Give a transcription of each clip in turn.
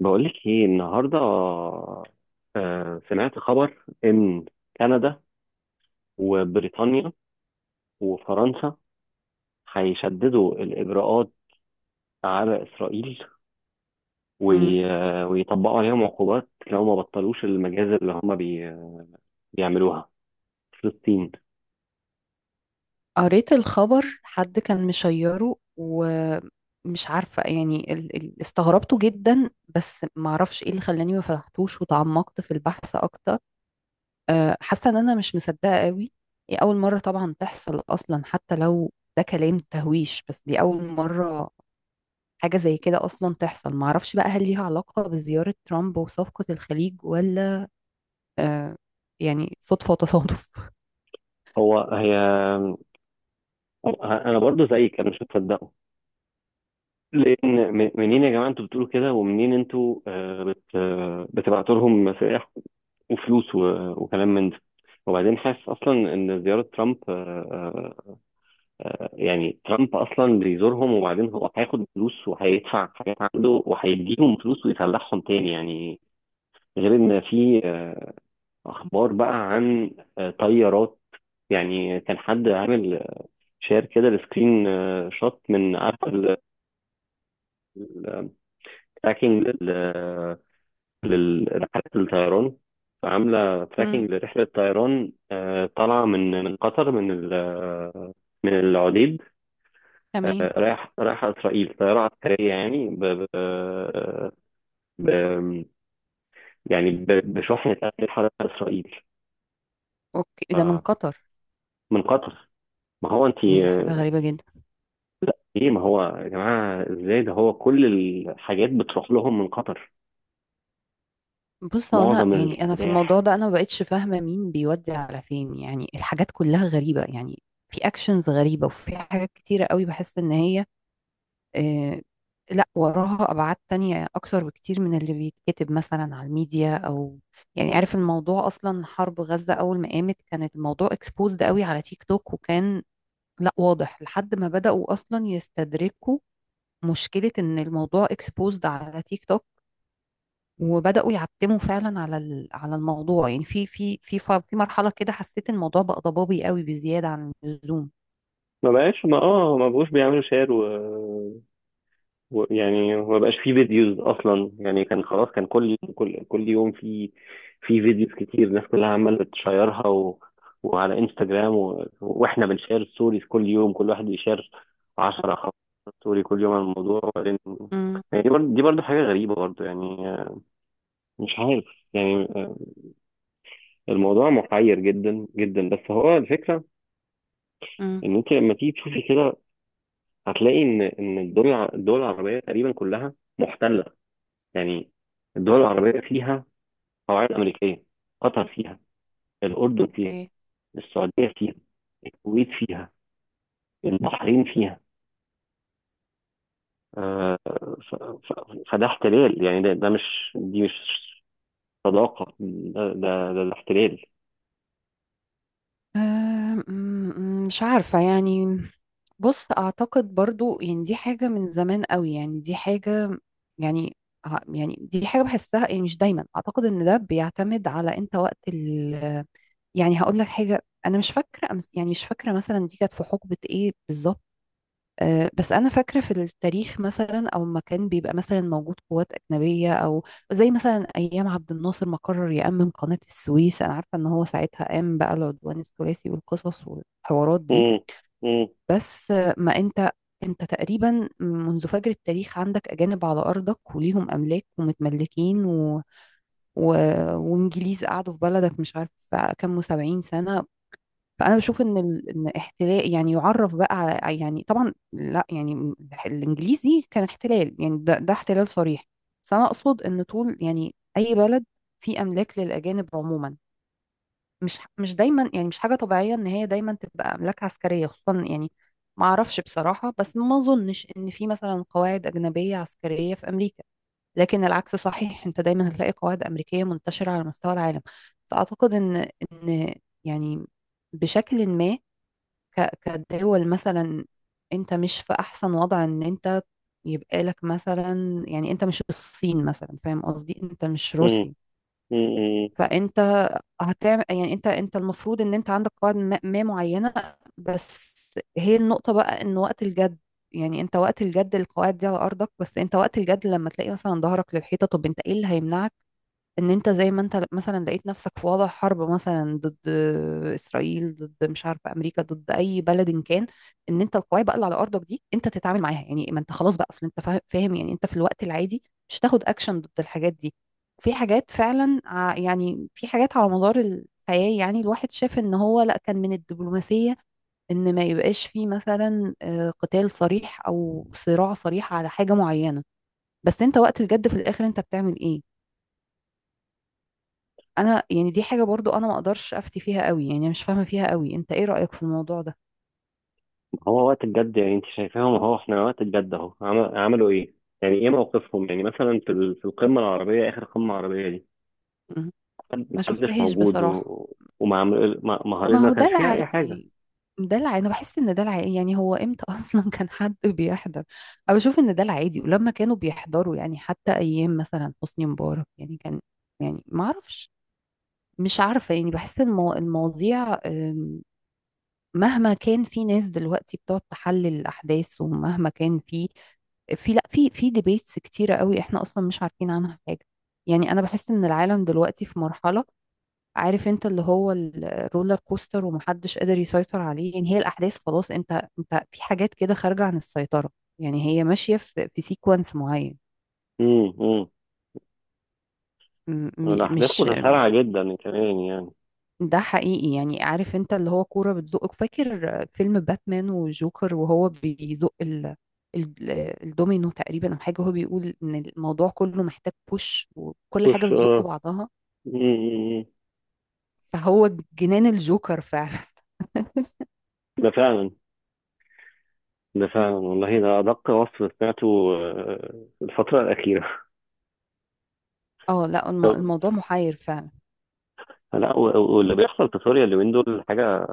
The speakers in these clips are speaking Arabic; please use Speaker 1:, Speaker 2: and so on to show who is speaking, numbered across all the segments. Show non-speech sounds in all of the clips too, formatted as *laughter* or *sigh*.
Speaker 1: بقولك ايه النهارده؟ سمعت خبر ان كندا وبريطانيا وفرنسا هيشددوا الاجراءات على اسرائيل،
Speaker 2: مم.
Speaker 1: ويطبقوا عليهم عقوبات لو ما بطلوش المجازر اللي هم بيعملوها في فلسطين.
Speaker 2: قريت الخبر، حد كان مشيره ومش عارفة يعني استغربته جدا. بس معرفش ايه اللي خلاني ما فتحتوش وتعمقت في البحث اكتر. حاسة ان انا مش مصدقة قوي. هي اول مرة طبعا تحصل اصلا، حتى لو ده كلام تهويش، بس دي اول مرة حاجة زي كده اصلا تحصل. معرفش بقى هل ليها علاقة بزيارة ترامب وصفقة الخليج ولا أه، يعني صدفة وتصادف.
Speaker 1: هو هي آه، انا برضو زيك، انا مش مصدقه. لان منين يا جماعه انتوا بتقولوا كده، ومنين انتوا آه، بت آه، بتبعتوا لهم مسارح وفلوس وكلام من ده. وبعدين حاسس اصلا ان زياره ترامب يعني ترامب اصلا بيزورهم، وبعدين هو هياخد فلوس وهيدفع حاجات عنده وهيديهم فلوس ويسلحهم تاني يعني. غير ان في اخبار بقى عن طيارات. يعني كان حد عامل شير كده لسكرين شوت، من عارف، التراكنج لرحلة الطيران، فعاملة
Speaker 2: مم.
Speaker 1: تراكنج لرحلة طيران طالعة من قطر، من العديد،
Speaker 2: تمام.
Speaker 1: رايحة إسرائيل. طيارة عسكرية يعني ب- يعني بشحنة أسلحة رايحة إسرائيل.
Speaker 2: اوكي، ده من
Speaker 1: ف-
Speaker 2: قطر.
Speaker 1: من قطر. ما هو أنت.
Speaker 2: دي حاجة غريبة جدا.
Speaker 1: لا إيه، ما هو يا جماعة، إزاي ده، هو كل الحاجات بتروح لهم من قطر،
Speaker 2: بص هو انا
Speaker 1: معظم
Speaker 2: يعني انا في الموضوع
Speaker 1: السلاح.
Speaker 2: ده انا ما بقتش فاهمه مين بيودي على فين، يعني الحاجات كلها غريبه يعني. في اكشنز غريبه، وفي حاجات كتيره قوي بحس ان هي آه لا وراها ابعاد تانية اكتر بكتير من اللي بيتكتب مثلا على الميديا او يعني. عارف الموضوع اصلا، حرب غزه اول ما قامت كانت الموضوع اكسبوزد قوي على تيك توك، وكان لا واضح لحد ما بداوا اصلا يستدركوا مشكله ان الموضوع اكسبوزد على تيك توك. وبداوا يعتموا فعلا على على الموضوع. يعني في مرحله كده حسيت الموضوع بقى ضبابي قوي بزياده عن اللزوم.
Speaker 1: ما بقاش ما اه ما بقوش بيعملوا شير، يعني ما بقاش فيه فيديوز اصلا، يعني كان خلاص، كان كل يوم في في فيديوز كتير، الناس كلها عماله تشيرها و وعلى انستجرام، واحنا بنشير ستوريز كل يوم، كل واحد بيشير 10 15 ستوري كل يوم عن الموضوع، وبعدين
Speaker 2: امم.
Speaker 1: يعني دي برضه، حاجه غريبه برضه يعني، مش عارف. يعني الموضوع محير جدا جدا، بس هو الفكره
Speaker 2: امم.
Speaker 1: ان انت لما تيجي تشوفي كده هتلاقي ان الدول العربيه تقريبا كلها محتله، يعني الدول العربية فيها قواعد أمريكية، قطر فيها، الأردن فيها،
Speaker 2: اوكي.
Speaker 1: السعودية فيها، الكويت فيها، البحرين فيها، آه، فده احتلال، يعني ده, ده مش دي مش صداقة، ده احتلال.
Speaker 2: آه، مش عارفة يعني. بص أعتقد برضو يعني دي حاجة من زمان قوي، يعني دي حاجة يعني يعني دي حاجة بحسها، يعني مش دايما أعتقد إن ده بيعتمد على أنت وقت ال. يعني هقول لك حاجة، أنا مش فاكرة أمس، يعني مش فاكرة مثلا دي كانت في حقبة إيه بالظبط. بس انا فاكره في التاريخ مثلا او ما كان بيبقى مثلا موجود قوات اجنبيه او زي مثلا ايام عبد الناصر ما قرر يامم قناه السويس. انا عارفه ان هو ساعتها قام بقى العدوان الثلاثي والقصص والحوارات دي.
Speaker 1: مم، مم،
Speaker 2: بس ما انت، انت تقريبا منذ فجر التاريخ عندك اجانب على ارضك وليهم املاك ومتملكين و... وانجليز قعدوا في بلدك مش عارف كام وسبعين سنه. فانا بشوف ان احتلال يعني يعرف بقى على، يعني طبعا لا يعني الانجليزي كان احتلال، يعني ده احتلال صريح. بس انا اقصد ان طول يعني اي بلد فيه املاك للاجانب عموما، مش دايما يعني مش حاجه طبيعيه ان هي دايما تبقى املاك عسكريه خصوصا يعني. ما اعرفش بصراحه، بس ما اظنش ان في مثلا قواعد اجنبيه عسكريه في امريكا. لكن العكس صحيح، انت دايما هتلاقي قواعد امريكيه منتشره على مستوى العالم. فاعتقد ان يعني بشكل ما ك- كدول مثلا، انت مش في احسن وضع ان انت يبقى لك مثلا، يعني انت مش الصين مثلا فاهم قصدي، انت مش
Speaker 1: مم،
Speaker 2: روسيا.
Speaker 1: مم.
Speaker 2: فانت هتعمل، يعني انت المفروض ان انت عندك قواعد ما معينة. بس هي النقطة بقى ان وقت الجد، يعني انت وقت الجد القواعد دي على ارضك. بس انت وقت الجد لما تلاقي مثلا ظهرك للحيطة، طب انت ايه اللي هيمنعك ان انت زي ما انت مثلا لقيت نفسك في وضع حرب مثلا ضد اسرائيل، ضد مش عارفه امريكا، ضد اي بلد إن كان، ان انت القواعد بقى اللي على ارضك دي انت تتعامل معاها. يعني ما انت خلاص بقى، اصل انت فاهم يعني، انت في الوقت العادي مش هتاخد اكشن ضد الحاجات دي. في حاجات فعلا يعني في حاجات على مدار الحياه يعني الواحد شاف ان هو لا كان من الدبلوماسيه ان ما يبقاش فيه مثلا قتال صريح او صراع صريح على حاجه معينه. بس انت وقت الجد في الاخر انت بتعمل ايه؟ انا يعني دي حاجة برضو انا ما اقدرش افتي فيها قوي، يعني مش فاهمة فيها قوي. انت ايه رأيك في الموضوع ده؟
Speaker 1: هو وقت الجد يعني، انت شايفاهم اهو، احنا وقت الجد اهو عملوا ايه؟ يعني ايه موقفهم؟ يعني مثلا، في القمة العربية، اخر قمة عربية دي،
Speaker 2: مم. ما
Speaker 1: محدش
Speaker 2: شفتهاش
Speaker 1: موجود،
Speaker 2: بصراحة.
Speaker 1: ما هربنا،
Speaker 2: ما
Speaker 1: ما
Speaker 2: هو ده
Speaker 1: كانش فيها اي حاجة.
Speaker 2: العادي. ده العادي، انا بحس ان ده العادي. يعني هو امتى *laughs* اصلا كان حد بيحضر؟ انا بشوف ان ده العادي. ولما كانوا بيحضروا يعني حتى ايام مثلا حسني مبارك يعني كان، يعني ما اعرفش. مش عارفة يعني بحس ان المواضيع مهما كان في ناس دلوقتي بتقعد تحلل الأحداث، ومهما كان في، في لا في ديبيتس كتيرة قوي، احنا اصلا مش عارفين عنها حاجة. يعني انا بحس ان العالم دلوقتي في مرحلة عارف انت اللي هو الرولر كوستر، ومحدش قادر يسيطر عليه. يعني هي الاحداث خلاص، انت انت في حاجات كده خارجة عن السيطرة. يعني هي ماشية في سيكونس معين.
Speaker 1: مم. الأحداث
Speaker 2: مش
Speaker 1: متسارعة جدا كمان يعني.
Speaker 2: ده حقيقي، يعني عارف انت اللي هو كورة بتزقك؟ فاكر فيلم باتمان وجوكر وهو بيزق ال... الدومينو تقريبا او حاجة، هو بيقول ان الموضوع كله محتاج بوش، وكل حاجة
Speaker 1: مش
Speaker 2: بتزق
Speaker 1: آه،
Speaker 2: بعضها.
Speaker 1: م- م- م.
Speaker 2: فهو جنان الجوكر فعلا.
Speaker 1: ده فعلا، والله ده أدق وصف سمعته الفترة الأخيرة.
Speaker 2: *laughs* اه لا،
Speaker 1: *laughs* طب،
Speaker 2: الموضوع محير فعلا.
Speaker 1: لا، واللي بيحصل في سوريا اليومين دول حاجة،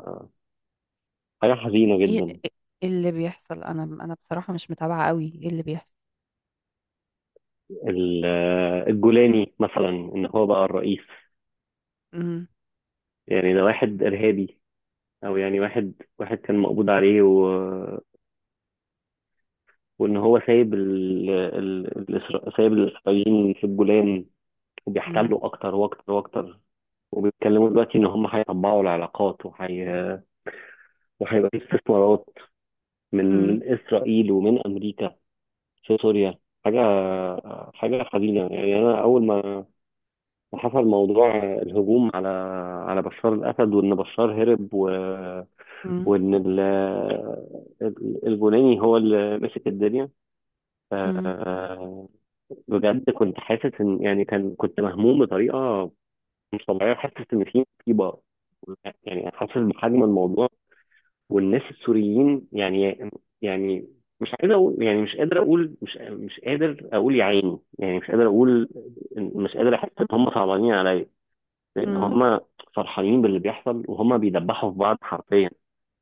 Speaker 1: حاجة حزينة
Speaker 2: ايه
Speaker 1: جدا.
Speaker 2: إيه اللي بيحصل؟ انا بصراحة مش متابعة قوي ايه اللي بيحصل.
Speaker 1: الجولاني مثلا، إن هو بقى الرئيس.
Speaker 2: امم.
Speaker 1: يعني ده واحد إرهابي، أو يعني واحد كان مقبوض عليه، وإن هو سايب الإسرائيليين في الجولان، وبيحتلوا أكتر وأكتر وأكتر، وبيتكلموا دلوقتي ان هم هيطبعوا العلاقات، وهيبقى في استثمارات من
Speaker 2: امم.
Speaker 1: من اسرائيل ومن امريكا في سوريا. حاجه، حاجه حزينه يعني. انا اول ما حصل موضوع الهجوم على بشار الاسد، وان بشار هرب،
Speaker 2: امم.
Speaker 1: وان الجولاني هو اللي مسك الدنيا. آه، بجد كنت حاسس ان، يعني كنت مهموم بطريقه مش طبيعيه، حاسس ان في مصيبه، يعني حاسس بحجم الموضوع، والناس السوريين يعني. يعني مش عايز اقول، يعني مش قادر اقول، مش قادر اقول يا عيني، يعني مش قادر اقول. مش قادر احس ان هم صعبانين عليا، لان
Speaker 2: امم.
Speaker 1: هم فرحانين باللي بيحصل، وهم بيدبحوا في بعض حرفيا.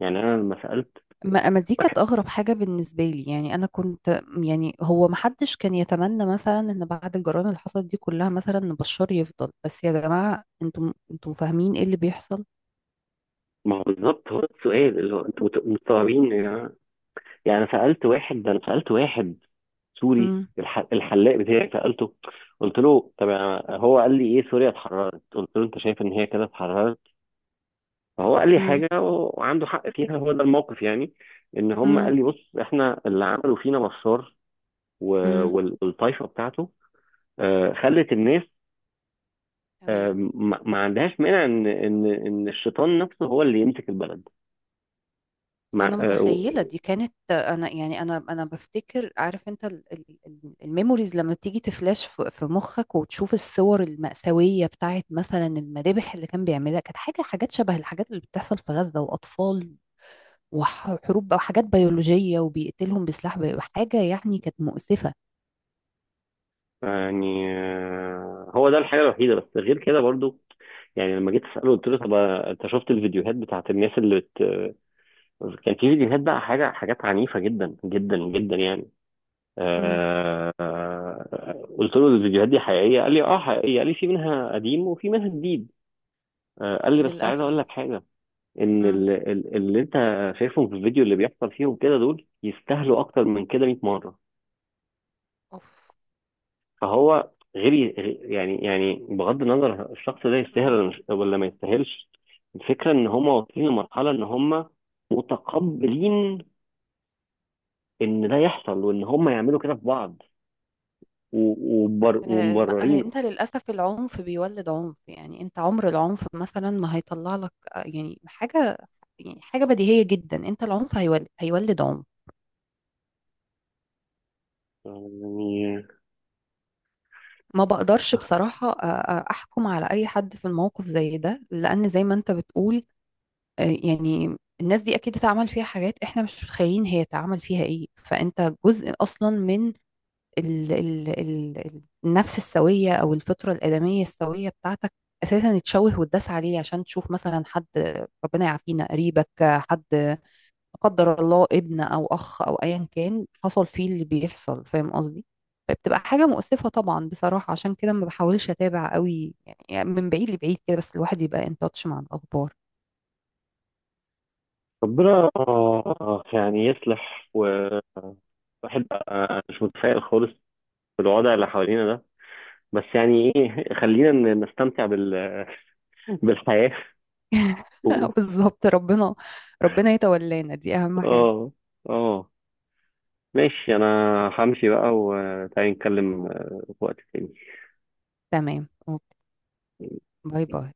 Speaker 1: يعني انا لما سالت
Speaker 2: ما دي كانت
Speaker 1: واحد.
Speaker 2: اغرب حاجه بالنسبه لي. يعني انا كنت، يعني هو ما حدش كان يتمنى مثلا ان بعد الجرائم اللي حصلت دي كلها مثلا ان بشار يفضل، بس يا جماعه انتم فاهمين ايه اللي بيحصل؟
Speaker 1: ما هو بالظبط، هو ده السؤال، اللي هو انتوا مستوعبين يا جماعه؟ يعني أنا سالت واحد، ده انا سالت واحد سوري،
Speaker 2: امم.
Speaker 1: الحلاق بتاعي سالته. قلت له: طب، هو قال لي: ايه، سوريا اتحررت. قلت له: انت شايف ان هي كده اتحررت؟ فهو قال لي
Speaker 2: امم.
Speaker 1: حاجة وعنده حق فيها، هو ده الموقف. يعني ان هم
Speaker 2: امم.
Speaker 1: قال لي: بص، احنا اللي عملوا فينا بشار
Speaker 2: امم.
Speaker 1: والطايفة بتاعته خلت الناس
Speaker 2: تمام.
Speaker 1: ما عندهاش مانع ان الشيطان نفسه هو اللي يمسك البلد. مع
Speaker 2: انا
Speaker 1: آه،
Speaker 2: متخيله
Speaker 1: و-
Speaker 2: دي كانت، انا يعني انا بفتكر عارف انت الميموريز لما بتيجي تفلاش في مخك، وتشوف الصور المأساويه بتاعت مثلا المذابح اللي كان بيعملها. كانت حاجات شبه الحاجات اللي بتحصل في غزه، واطفال وحروب بقى وحاجات بيولوجية وبيقتلهم بسلاح حاجة يعني كانت مؤسفة.
Speaker 1: يعني هو ده الحاجة الوحيدة، بس غير كده برضو. يعني لما جيت اساله، قلت له: طب انت شفت الفيديوهات بتاعت الناس اللي كان في فيديوهات بقى، حاجات عنيفه جدا جدا جدا يعني.
Speaker 2: مم.
Speaker 1: قلت له: الفيديوهات دي حقيقية؟ قال لي: اه، حقيقية. قال لي: في منها قديم وفي منها جديد. قال لي: بس عايز
Speaker 2: للأسف.
Speaker 1: اقول لك حاجة، ان
Speaker 2: مم.
Speaker 1: اللي انت شايفهم في الفيديو، اللي بيحصل فيهم كده، دول يستاهلوا اكتر من كده 100 مرة.
Speaker 2: أوف.
Speaker 1: فهو غير غير- يعني بغض النظر، الشخص ده يستاهل
Speaker 2: مم.
Speaker 1: ولا ولا ما يستاهلش. الفكرة ان هم واصلين لمرحلة ان هم متقبلين ان ده يحصل، وان هم يعملوا كده في بعض ومبررينه.
Speaker 2: انت للأسف العنف بيولد عنف. يعني انت عمر العنف مثلا ما هيطلع لك يعني حاجة. يعني حاجة بديهية جدا، انت العنف هيولد عنف.
Speaker 1: يعني
Speaker 2: ما بقدرش بصراحة أحكم على أي حد في الموقف زي ده، لأن زي ما أنت بتقول يعني الناس دي أكيد اتعمل فيها حاجات إحنا مش متخيلين هي اتعمل فيها إيه. فأنت جزء أصلا من ال ال ال النفس السوية أو الفطرة الآدمية السوية بتاعتك أساسا اتشوه واتداس عليه عشان تشوف مثلا حد، ربنا يعافينا، قريبك، حد لا قدر الله، ابن أو أخ أو أيا كان، حصل فيه اللي بيحصل، فاهم قصدي؟ فبتبقى حاجة مؤسفة طبعا بصراحة، عشان كده ما بحاولش أتابع قوي، يعني من بعيد لبعيد كده بس الواحد يبقى ان تاتش مع الأخبار.
Speaker 1: ربنا يعني يصلح. وواحد بقى مش متفائل خالص بالوضع اللي حوالينا ده، بس يعني ايه، خلينا نستمتع بالحياة و-
Speaker 2: *laughs* بالظبط. ربنا يتولانا، دي أهم حاجة.
Speaker 1: اه، اه، ماشي. انا همشي بقى، وتعالي نتكلم في وقت تاني.
Speaker 2: تمام أوكي. باي باي